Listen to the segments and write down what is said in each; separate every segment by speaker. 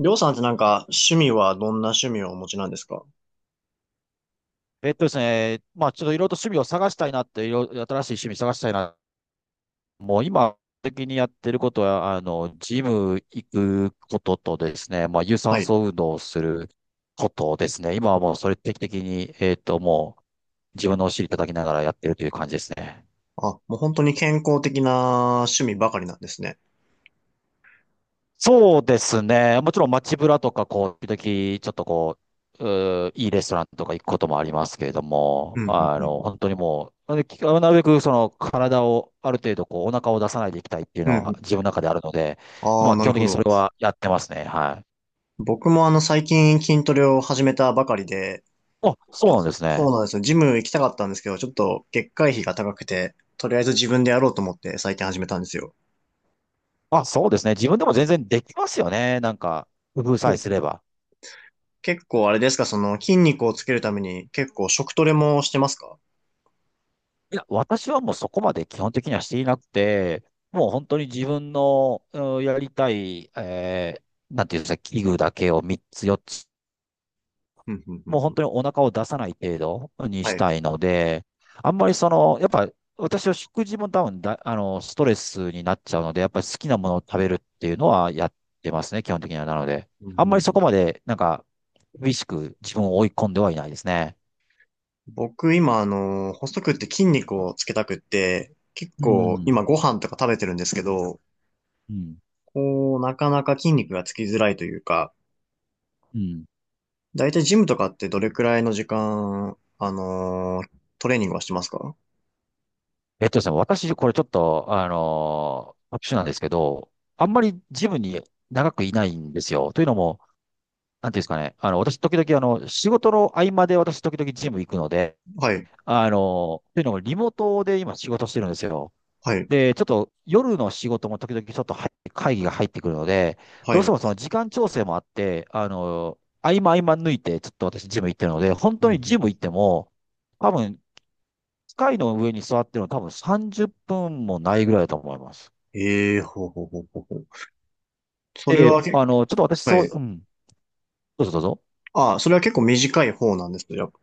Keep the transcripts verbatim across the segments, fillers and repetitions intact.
Speaker 1: りょうさんってなんか趣味はどんな趣味をお持ちなんですか？
Speaker 2: えっとですね、まあ、ちょっといろいろと趣味を探したいなって、いろいろ新しい趣味探したいな。もう今、的にやってることは、あの、ジム行くこととですね、まあ、有
Speaker 1: は
Speaker 2: 酸
Speaker 1: い。
Speaker 2: 素運動をすることですね。今はもうそれ定期的に、えっと、もう自分のお尻叩きながらやってるという感じですね。
Speaker 1: あ、もう本当に健康的な趣味ばかりなんですね。
Speaker 2: そうですね。もちろん街ブラとか、こう、時々、ちょっとこう、うーいいレストランとか行くこともありますけれど
Speaker 1: う
Speaker 2: も、
Speaker 1: ん、うん、
Speaker 2: あ
Speaker 1: うん。
Speaker 2: の、本当にもう、できなるべくその体をある程度こうお腹を出さないでいきたいっていう
Speaker 1: うんう
Speaker 2: の
Speaker 1: ん。
Speaker 2: は自分の中であるので、
Speaker 1: あ
Speaker 2: ま
Speaker 1: あ、
Speaker 2: あ基
Speaker 1: なる
Speaker 2: 本的
Speaker 1: ほ
Speaker 2: にそ
Speaker 1: ど。
Speaker 2: れはやってますね。はい。
Speaker 1: 僕もあの最近筋トレを始めたばかりで、
Speaker 2: あ、そ
Speaker 1: ちょ、
Speaker 2: うなんです
Speaker 1: そう
Speaker 2: ね。
Speaker 1: なんですよ。ジム行きたかったんですけど、ちょっと月会費が高くて、とりあえず自分でやろうと思って最近始めたんですよ。
Speaker 2: あ、そうですね。自分でも全然できますよね。なんか、工夫
Speaker 1: ほ
Speaker 2: さえ
Speaker 1: う
Speaker 2: す
Speaker 1: ほう。
Speaker 2: れば。
Speaker 1: 結構あれですか、その筋肉をつけるために結構食トレもしてますか？
Speaker 2: いや、私はもうそこまで基本的にはしていなくて、もう本当に自分の、うんやりたい、えーなんていうんですか、器具だけをみっつよっつ、
Speaker 1: うんうんう
Speaker 2: もう
Speaker 1: んう
Speaker 2: 本
Speaker 1: ん。
Speaker 2: 当にお腹を出さない程度に
Speaker 1: は
Speaker 2: し
Speaker 1: い。
Speaker 2: たいので、あんまりその、やっぱ私は食事も多分だ、あの、ストレスになっちゃうので、やっぱり好きなものを食べるっていうのはやってますね、基本的には。なので、あんまりそこまで、なんか、厳しく自分を追い込んではいないですね。
Speaker 1: 僕今、あの、細くって筋肉をつけたくって、結
Speaker 2: う
Speaker 1: 構
Speaker 2: ん。
Speaker 1: 今ご飯とか食べてるんですけど、
Speaker 2: うん。
Speaker 1: こう、なかなか筋肉がつきづらいというか、
Speaker 2: うん。
Speaker 1: だいたいジムとかってどれくらいの時間、あのートレーニングはしてますか？
Speaker 2: えっとですね、私、これちょっと、あのー特殊なんですけど、あんまりジムに長くいないんですよ。というのも、なんていうんですかね、あの、私、時々、あの、仕事の合間で私、時々ジム行くので、
Speaker 1: はい、
Speaker 2: あのーというのも、リモートで今仕事してるんですよ。
Speaker 1: はい、
Speaker 2: で、ちょっと夜の仕事も時々ちょっと入会議が入ってくるので、
Speaker 1: は
Speaker 2: どうして
Speaker 1: い。
Speaker 2: もその時間調整もあって、あのー合間合間抜いて、ちょっと私、ジム行ってるので、本当にジム行っても、多分、機械の上に座ってるの多分さんじゅっぷんもないぐらいだと思います。
Speaker 1: ええー、ほうほうほうほうほう。それ
Speaker 2: で、
Speaker 1: はけ、
Speaker 2: あの、ちょっと私
Speaker 1: は
Speaker 2: そ
Speaker 1: い。
Speaker 2: う、うん、どうぞどうぞ。
Speaker 1: あ、それは結構短い方なんですね。やっぱ、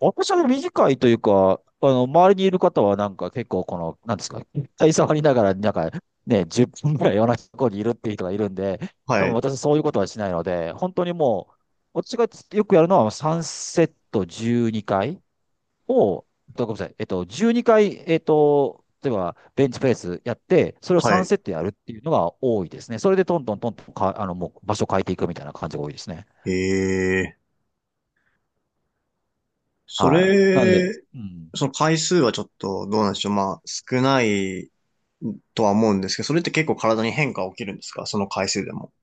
Speaker 2: 私は短いというか、あの、周りにいる方はなんか結構この、なんですか、携帯触りながら、なんかね、じゅっぷんぐらい同じところにいるっていう人がいるんで、
Speaker 1: は
Speaker 2: 多分
Speaker 1: い、
Speaker 2: 私そういうことはしないので、本当にもう、私がよくやるのはさんセットじゅうにかいを、ごめんなさい、えっと、じゅうにかい、えっと、例えばベンチプレスやって、それを
Speaker 1: は
Speaker 2: さん
Speaker 1: い。
Speaker 2: セットやるっていうのが多いですね。それでトントントントンか、あの、もう場所変えていくみたいな感じが多いですね。
Speaker 1: ええー、そ
Speaker 2: はい。なので、
Speaker 1: れ、
Speaker 2: うん。
Speaker 1: その回数はちょっとどうなんでしょう。まあ、少ないとは思うんですけど、それって結構体に変化起きるんですか、その回数でも？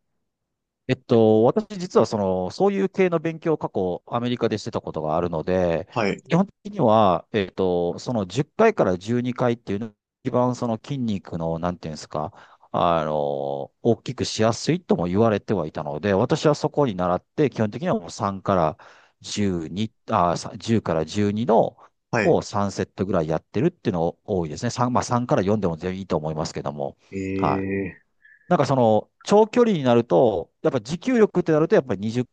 Speaker 2: えっと、私実はその、そういう系の勉強を過去アメリカでしてたことがあるので、
Speaker 1: はい。
Speaker 2: 基本的には、えっと、そのじゅっかいかいからじゅうにかいっていうのが一番その筋肉の、なんていうんですか、あの、大きくしやすいとも言われてはいたので、私はそこに習って、基本的にはもうさんからじゅうに、あ、さじゅうからじゅうにの
Speaker 1: はい。
Speaker 2: をさんセットぐらいやってるっていうのが多いですね。さん、まあさんからよんでも全然いいと思いますけども。はい。
Speaker 1: ええ、
Speaker 2: なんかその、長距離になると、やっぱ持久力ってなると、やっぱりにじゅう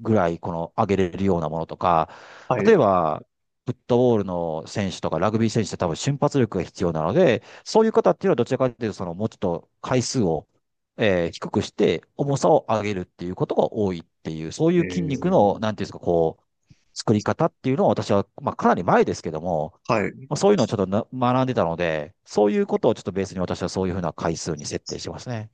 Speaker 2: ぐらいこの上げれるようなものとか、
Speaker 1: は
Speaker 2: 例
Speaker 1: い。
Speaker 2: えば、フットボールの選手とかラグビー選手って多分瞬発力が必要なので、そういう方っていうのはどちらかというと、そのもうちょっと回数を、えー低くして重さを上げるっていうことが多いっていう、そうい
Speaker 1: え
Speaker 2: う筋肉の、
Speaker 1: ー、
Speaker 2: なんていうんですか、こう、作り方っていうのを私は、まあかなり前ですけども、
Speaker 1: はい。
Speaker 2: まあそういうのをちょっとな学んでたので、そういうことをちょっとベースに私はそういうふうな回数に設定してますね。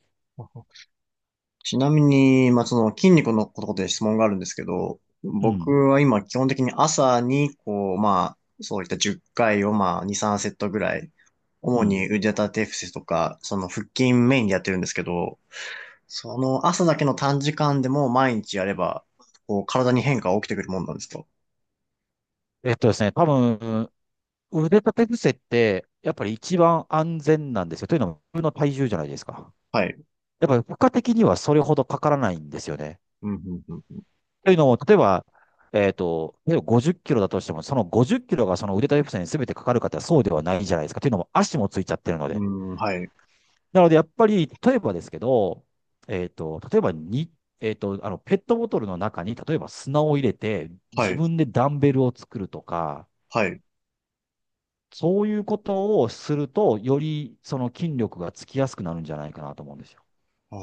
Speaker 1: ちなみに、まあ、その筋肉のことで質問があるんですけど、
Speaker 2: う
Speaker 1: 僕
Speaker 2: ん。
Speaker 1: は今基本的に朝に、こう、まあ、そういったじゅっかいをまあ、に、さんセットぐらい、
Speaker 2: う
Speaker 1: 主
Speaker 2: ん。
Speaker 1: に腕立て伏せとか、その腹筋メインでやってるんですけど、その朝だけの短時間でも毎日やれば、こう、体に変化が起きてくるもんなんですと。
Speaker 2: えっとですね、多分、腕立て伏せって、やっぱり一番安全なんですよ。というのも、自分の体重じゃないですか。
Speaker 1: はい。
Speaker 2: やっぱり負荷的にはそれほどかからないんですよね。
Speaker 1: うんうんうん
Speaker 2: というのも、例えば、えっと、例えばごじゅっキロだとしても、そのごじゅっキロがその腕立て伏せに全てかかるかってそうではないじゃないですか。というのも、足もついちゃってるの
Speaker 1: う
Speaker 2: で。
Speaker 1: ん、はい、
Speaker 2: なので、やっぱり、例えばですけど、えっと、例えばに、えっと、あの、ペットボトルの中に、例えば砂を入れて、
Speaker 1: は
Speaker 2: 自
Speaker 1: い、
Speaker 2: 分でダンベルを作るとか、
Speaker 1: はい。
Speaker 2: そういうことをすると、よりその筋力がつきやすくなるんじゃないかなと思うんですよ。
Speaker 1: ああ、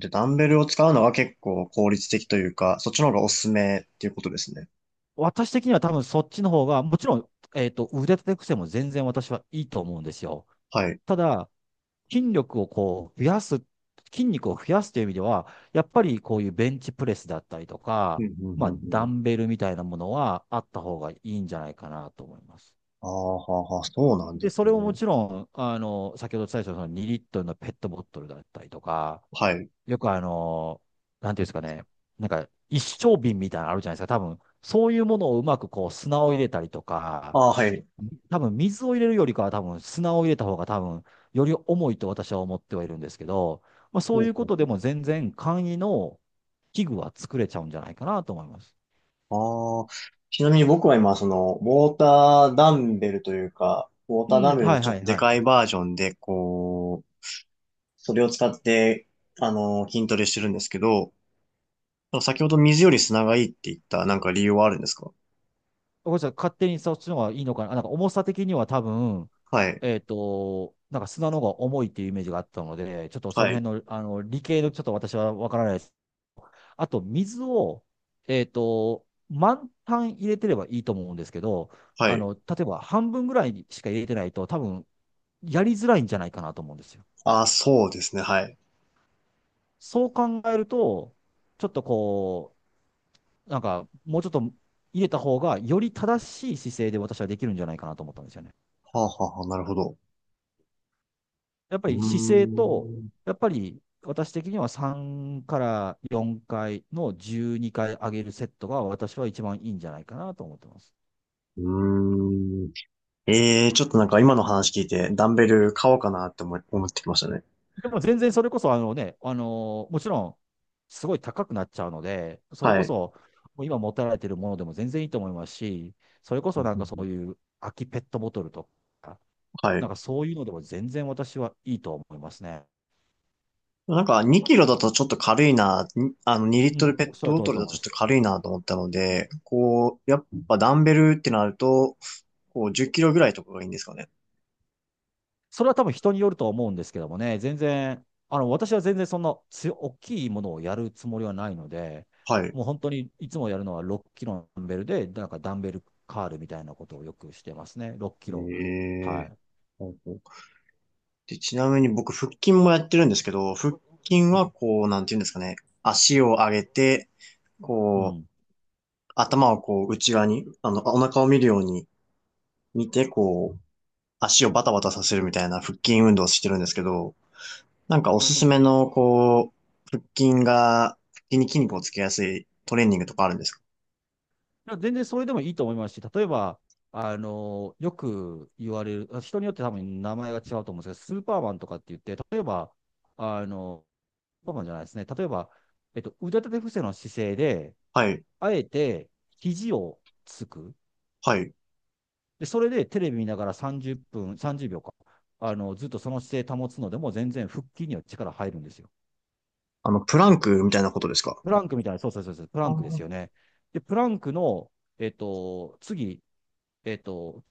Speaker 1: じゃあダンベルを使うのは結構効率的というか、そっちの方がおすすめっていうことですね。
Speaker 2: 私的には多分そっちの方が、もちろん、えっと、腕立て伏せも全然私はいいと思うんですよ。
Speaker 1: はい。
Speaker 2: ただ、筋力をこう増やす、筋肉を増やすという意味では、やっぱりこういうベンチプレスだったりと
Speaker 1: うん、
Speaker 2: か、
Speaker 1: うん、
Speaker 2: ま
Speaker 1: う
Speaker 2: あ、
Speaker 1: ん、う
Speaker 2: ダ
Speaker 1: ん。
Speaker 2: ンベルみたいなものはあった方がいいんじゃないかなと思います。
Speaker 1: ああ、はあはあ、そうなんで
Speaker 2: で、
Speaker 1: す
Speaker 2: それをも
Speaker 1: ね。
Speaker 2: ちろん、あの、先ほどお伝えしたそのにリットルのペットボトルだったりとか、
Speaker 1: はい。
Speaker 2: よくあの、なんていうんですかね、なんか一升瓶みたいなのあるじゃないですか、多分。そういうものをうまくこう砂を入れたりとか、
Speaker 1: ああ、はい。
Speaker 2: 多分水を入れるよりかは多分砂を入れた方が多分より重いと私は思ってはいるんですけど、まあ、そ
Speaker 1: ほ
Speaker 2: う
Speaker 1: う
Speaker 2: いうこ
Speaker 1: ほ
Speaker 2: とで
Speaker 1: う
Speaker 2: も全然簡易の器具は作れちゃうんじゃないかなと思います。
Speaker 1: ほう、ああ、ちなみに僕は今、その、ウォーターダンベルというか、ウォー
Speaker 2: う
Speaker 1: ターダ
Speaker 2: ん、
Speaker 1: ンベルの
Speaker 2: はい
Speaker 1: ちょ
Speaker 2: は
Speaker 1: っと
Speaker 2: い
Speaker 1: で
Speaker 2: はい。
Speaker 1: かいバージョンで、こう、それを使って、あの、筋トレしてるんですけど、先ほど水より砂がいいって言った、なんか理由はあるんですか？
Speaker 2: ごめんなさい、勝手にそっちの方がいいのかな。なんか重さ的には多分、
Speaker 1: はい。
Speaker 2: えっと、なんか砂の方が重いっていうイメージがあったので、ちょっと
Speaker 1: は
Speaker 2: その
Speaker 1: い。
Speaker 2: 辺の、あの理系のちょっと私は分からないあと、水を、えっと、満タン入れてればいいと思うんですけど、
Speaker 1: は
Speaker 2: あ
Speaker 1: い。
Speaker 2: の、例えば半分ぐらいしか入れてないと、多分、やりづらいんじゃないかなと思うんですよ。
Speaker 1: ああ、そうですね。はい。
Speaker 2: そう考えると、ちょっとこう、なんか、もうちょっと入れた方が、より正しい姿勢で私はできるんじゃないかなと思ったんですよね。
Speaker 1: はあ、はあ、はあ、なるほど。
Speaker 2: やっぱ
Speaker 1: うー
Speaker 2: り姿勢と、
Speaker 1: ん。
Speaker 2: やっぱり私的にはさんからよんかいのじゅうにかい上げるセットが私は一番いいんじゃないかなと思ってます。
Speaker 1: うーん。ええー、ちょっとなんか今の話聞いて、ダンベル買おうかなって思い、思ってきましたね。
Speaker 2: でも全然それこそ、あのね、あのーもちろん、すごい高くなっちゃうので、それ
Speaker 1: は
Speaker 2: こ
Speaker 1: い。
Speaker 2: そ、もう今持たれてるものでも全然いいと思いますし、それこ
Speaker 1: う
Speaker 2: そ
Speaker 1: ん
Speaker 2: な
Speaker 1: う
Speaker 2: んか
Speaker 1: ん
Speaker 2: そ
Speaker 1: うん、
Speaker 2: ういう空きペットボトルとか、
Speaker 1: は
Speaker 2: な
Speaker 1: い。
Speaker 2: んかそういうのでも全然私はいいと思いますね。
Speaker 1: なんかにキロだとちょっと軽いな、にあのにリ
Speaker 2: う
Speaker 1: ットル
Speaker 2: ん、
Speaker 1: ペ
Speaker 2: お
Speaker 1: ッ
Speaker 2: っしゃ
Speaker 1: ト
Speaker 2: る
Speaker 1: ボ
Speaker 2: 通りだ
Speaker 1: トル
Speaker 2: と
Speaker 1: だ
Speaker 2: 思い
Speaker 1: とち
Speaker 2: ま
Speaker 1: ょっ
Speaker 2: す。
Speaker 1: と軽いなと思ったので、こう、やっぱダンベルってなると、こうじゅっキロぐらいとかがいいんですかね。
Speaker 2: それは多分人によると思うんですけどもね、全然、あの、私は全然そんな強大きいものをやるつもりはないので、
Speaker 1: はい。
Speaker 2: もう本当にいつもやるのはろっキロのダンベルで、なんかダンベルカールみたいなことをよくしてますね。ろっキロ。は
Speaker 1: え
Speaker 2: い。
Speaker 1: えー。で、ちなみに僕、腹筋もやってるんですけど、腹筋はこう、なんていうんですかね。足を上げて、
Speaker 2: う
Speaker 1: こう、
Speaker 2: ん。だ
Speaker 1: 頭をこう、内側に、あの、お腹を見るように見て、こう、足をバタバタさせるみたいな腹筋運動をしてるんですけど、なんかおすすめの、こう、腹筋が、腹筋に筋肉をつけやすいトレーニングとかあるんですか？
Speaker 2: から全然それでもいいと思いますし、例えば、あの、よく言われる、人によって多分名前が違うと思うんですけど、スーパーマンとかって言って、例えば、あの、スーパーマンじゃないですね。例えば、えっと、腕立て伏せの姿勢で、
Speaker 1: はい。
Speaker 2: あえて肘をつく。
Speaker 1: はい。
Speaker 2: で、それでテレビ見ながらさんじゅっぷん、さんじゅうびょうか。あの、ずっとその姿勢保つのでも全然腹筋には力入るんですよ。
Speaker 1: あの、プランクみたいなことですか？
Speaker 2: プランクみたいな、そうそうそうそう、プ
Speaker 1: あ
Speaker 2: ランクです
Speaker 1: ー、
Speaker 2: よね。で、プランクの、えっと、次、えっと、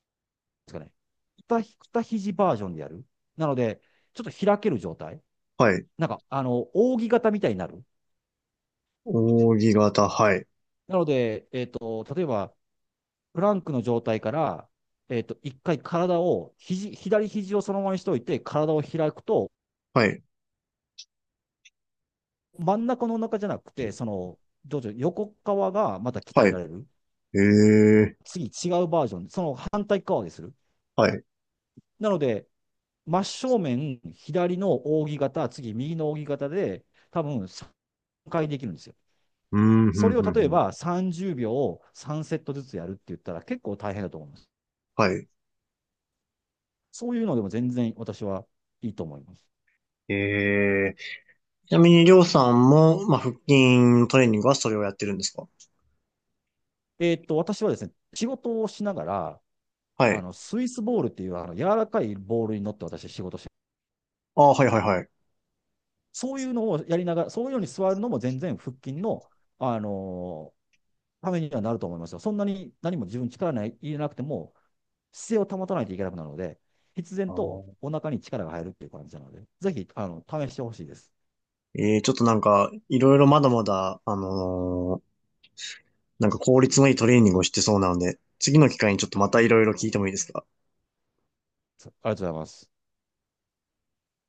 Speaker 2: ですかね、二ひ二肘バージョンでやる。なので、ちょっと開ける状態。
Speaker 1: はい。
Speaker 2: なんか、あの、扇形みたいになる。
Speaker 1: 扇形、はい。
Speaker 2: なので、えっと、例えば、プランクの状態から、えっと、いっかい体を、肘、左肘をそのままにしておいて、体を開くと、
Speaker 1: はい。
Speaker 2: 真ん中のお腹じゃなくて、その、どうぞ横側がまた鍛
Speaker 1: は
Speaker 2: えら
Speaker 1: い。
Speaker 2: れる。
Speaker 1: ええ、
Speaker 2: 次、違うバージョン、その反対側でする。
Speaker 1: はい。う
Speaker 2: なので、真正面、左の扇形、次、右の扇形で、多分さんかいできるんですよ。
Speaker 1: ーん、ふ
Speaker 2: そ
Speaker 1: ん
Speaker 2: れを
Speaker 1: ふん
Speaker 2: 例
Speaker 1: ふ
Speaker 2: え
Speaker 1: ん。
Speaker 2: ばさんじゅうびょうをさんセットずつやるって言ったら結構大変だと思います。
Speaker 1: はい。
Speaker 2: そういうのでも全然私はいいと思います。
Speaker 1: ええ、ちなみに、りょうさんも、まあ、腹筋トレーニングはそれをやってるんですか？
Speaker 2: えーっと、私はですね、仕事をしながら、
Speaker 1: は
Speaker 2: あ
Speaker 1: い。
Speaker 2: の、スイスボールっていう、あの、柔らかいボールに乗って私は仕事して、
Speaker 1: ああ、はいはいはい。
Speaker 2: そういうのをやりながら、そういうように座るのも全然腹筋の、あのーためにはなると思いますよ。そんなに何も自分力ない入れなくても、姿勢を保たないといけなくなるので、必
Speaker 1: あ
Speaker 2: 然
Speaker 1: ー、
Speaker 2: とお腹に力が入るっていう感じなので、ぜひ、あの、試してほしいです。
Speaker 1: えー、ちょっとなんか、いろいろまだまだ、あのーなんか効率のいいトレーニングをしてそうなので、次の機会にちょっとまたいろいろ聞いてもいいですか？
Speaker 2: ありがとうございます。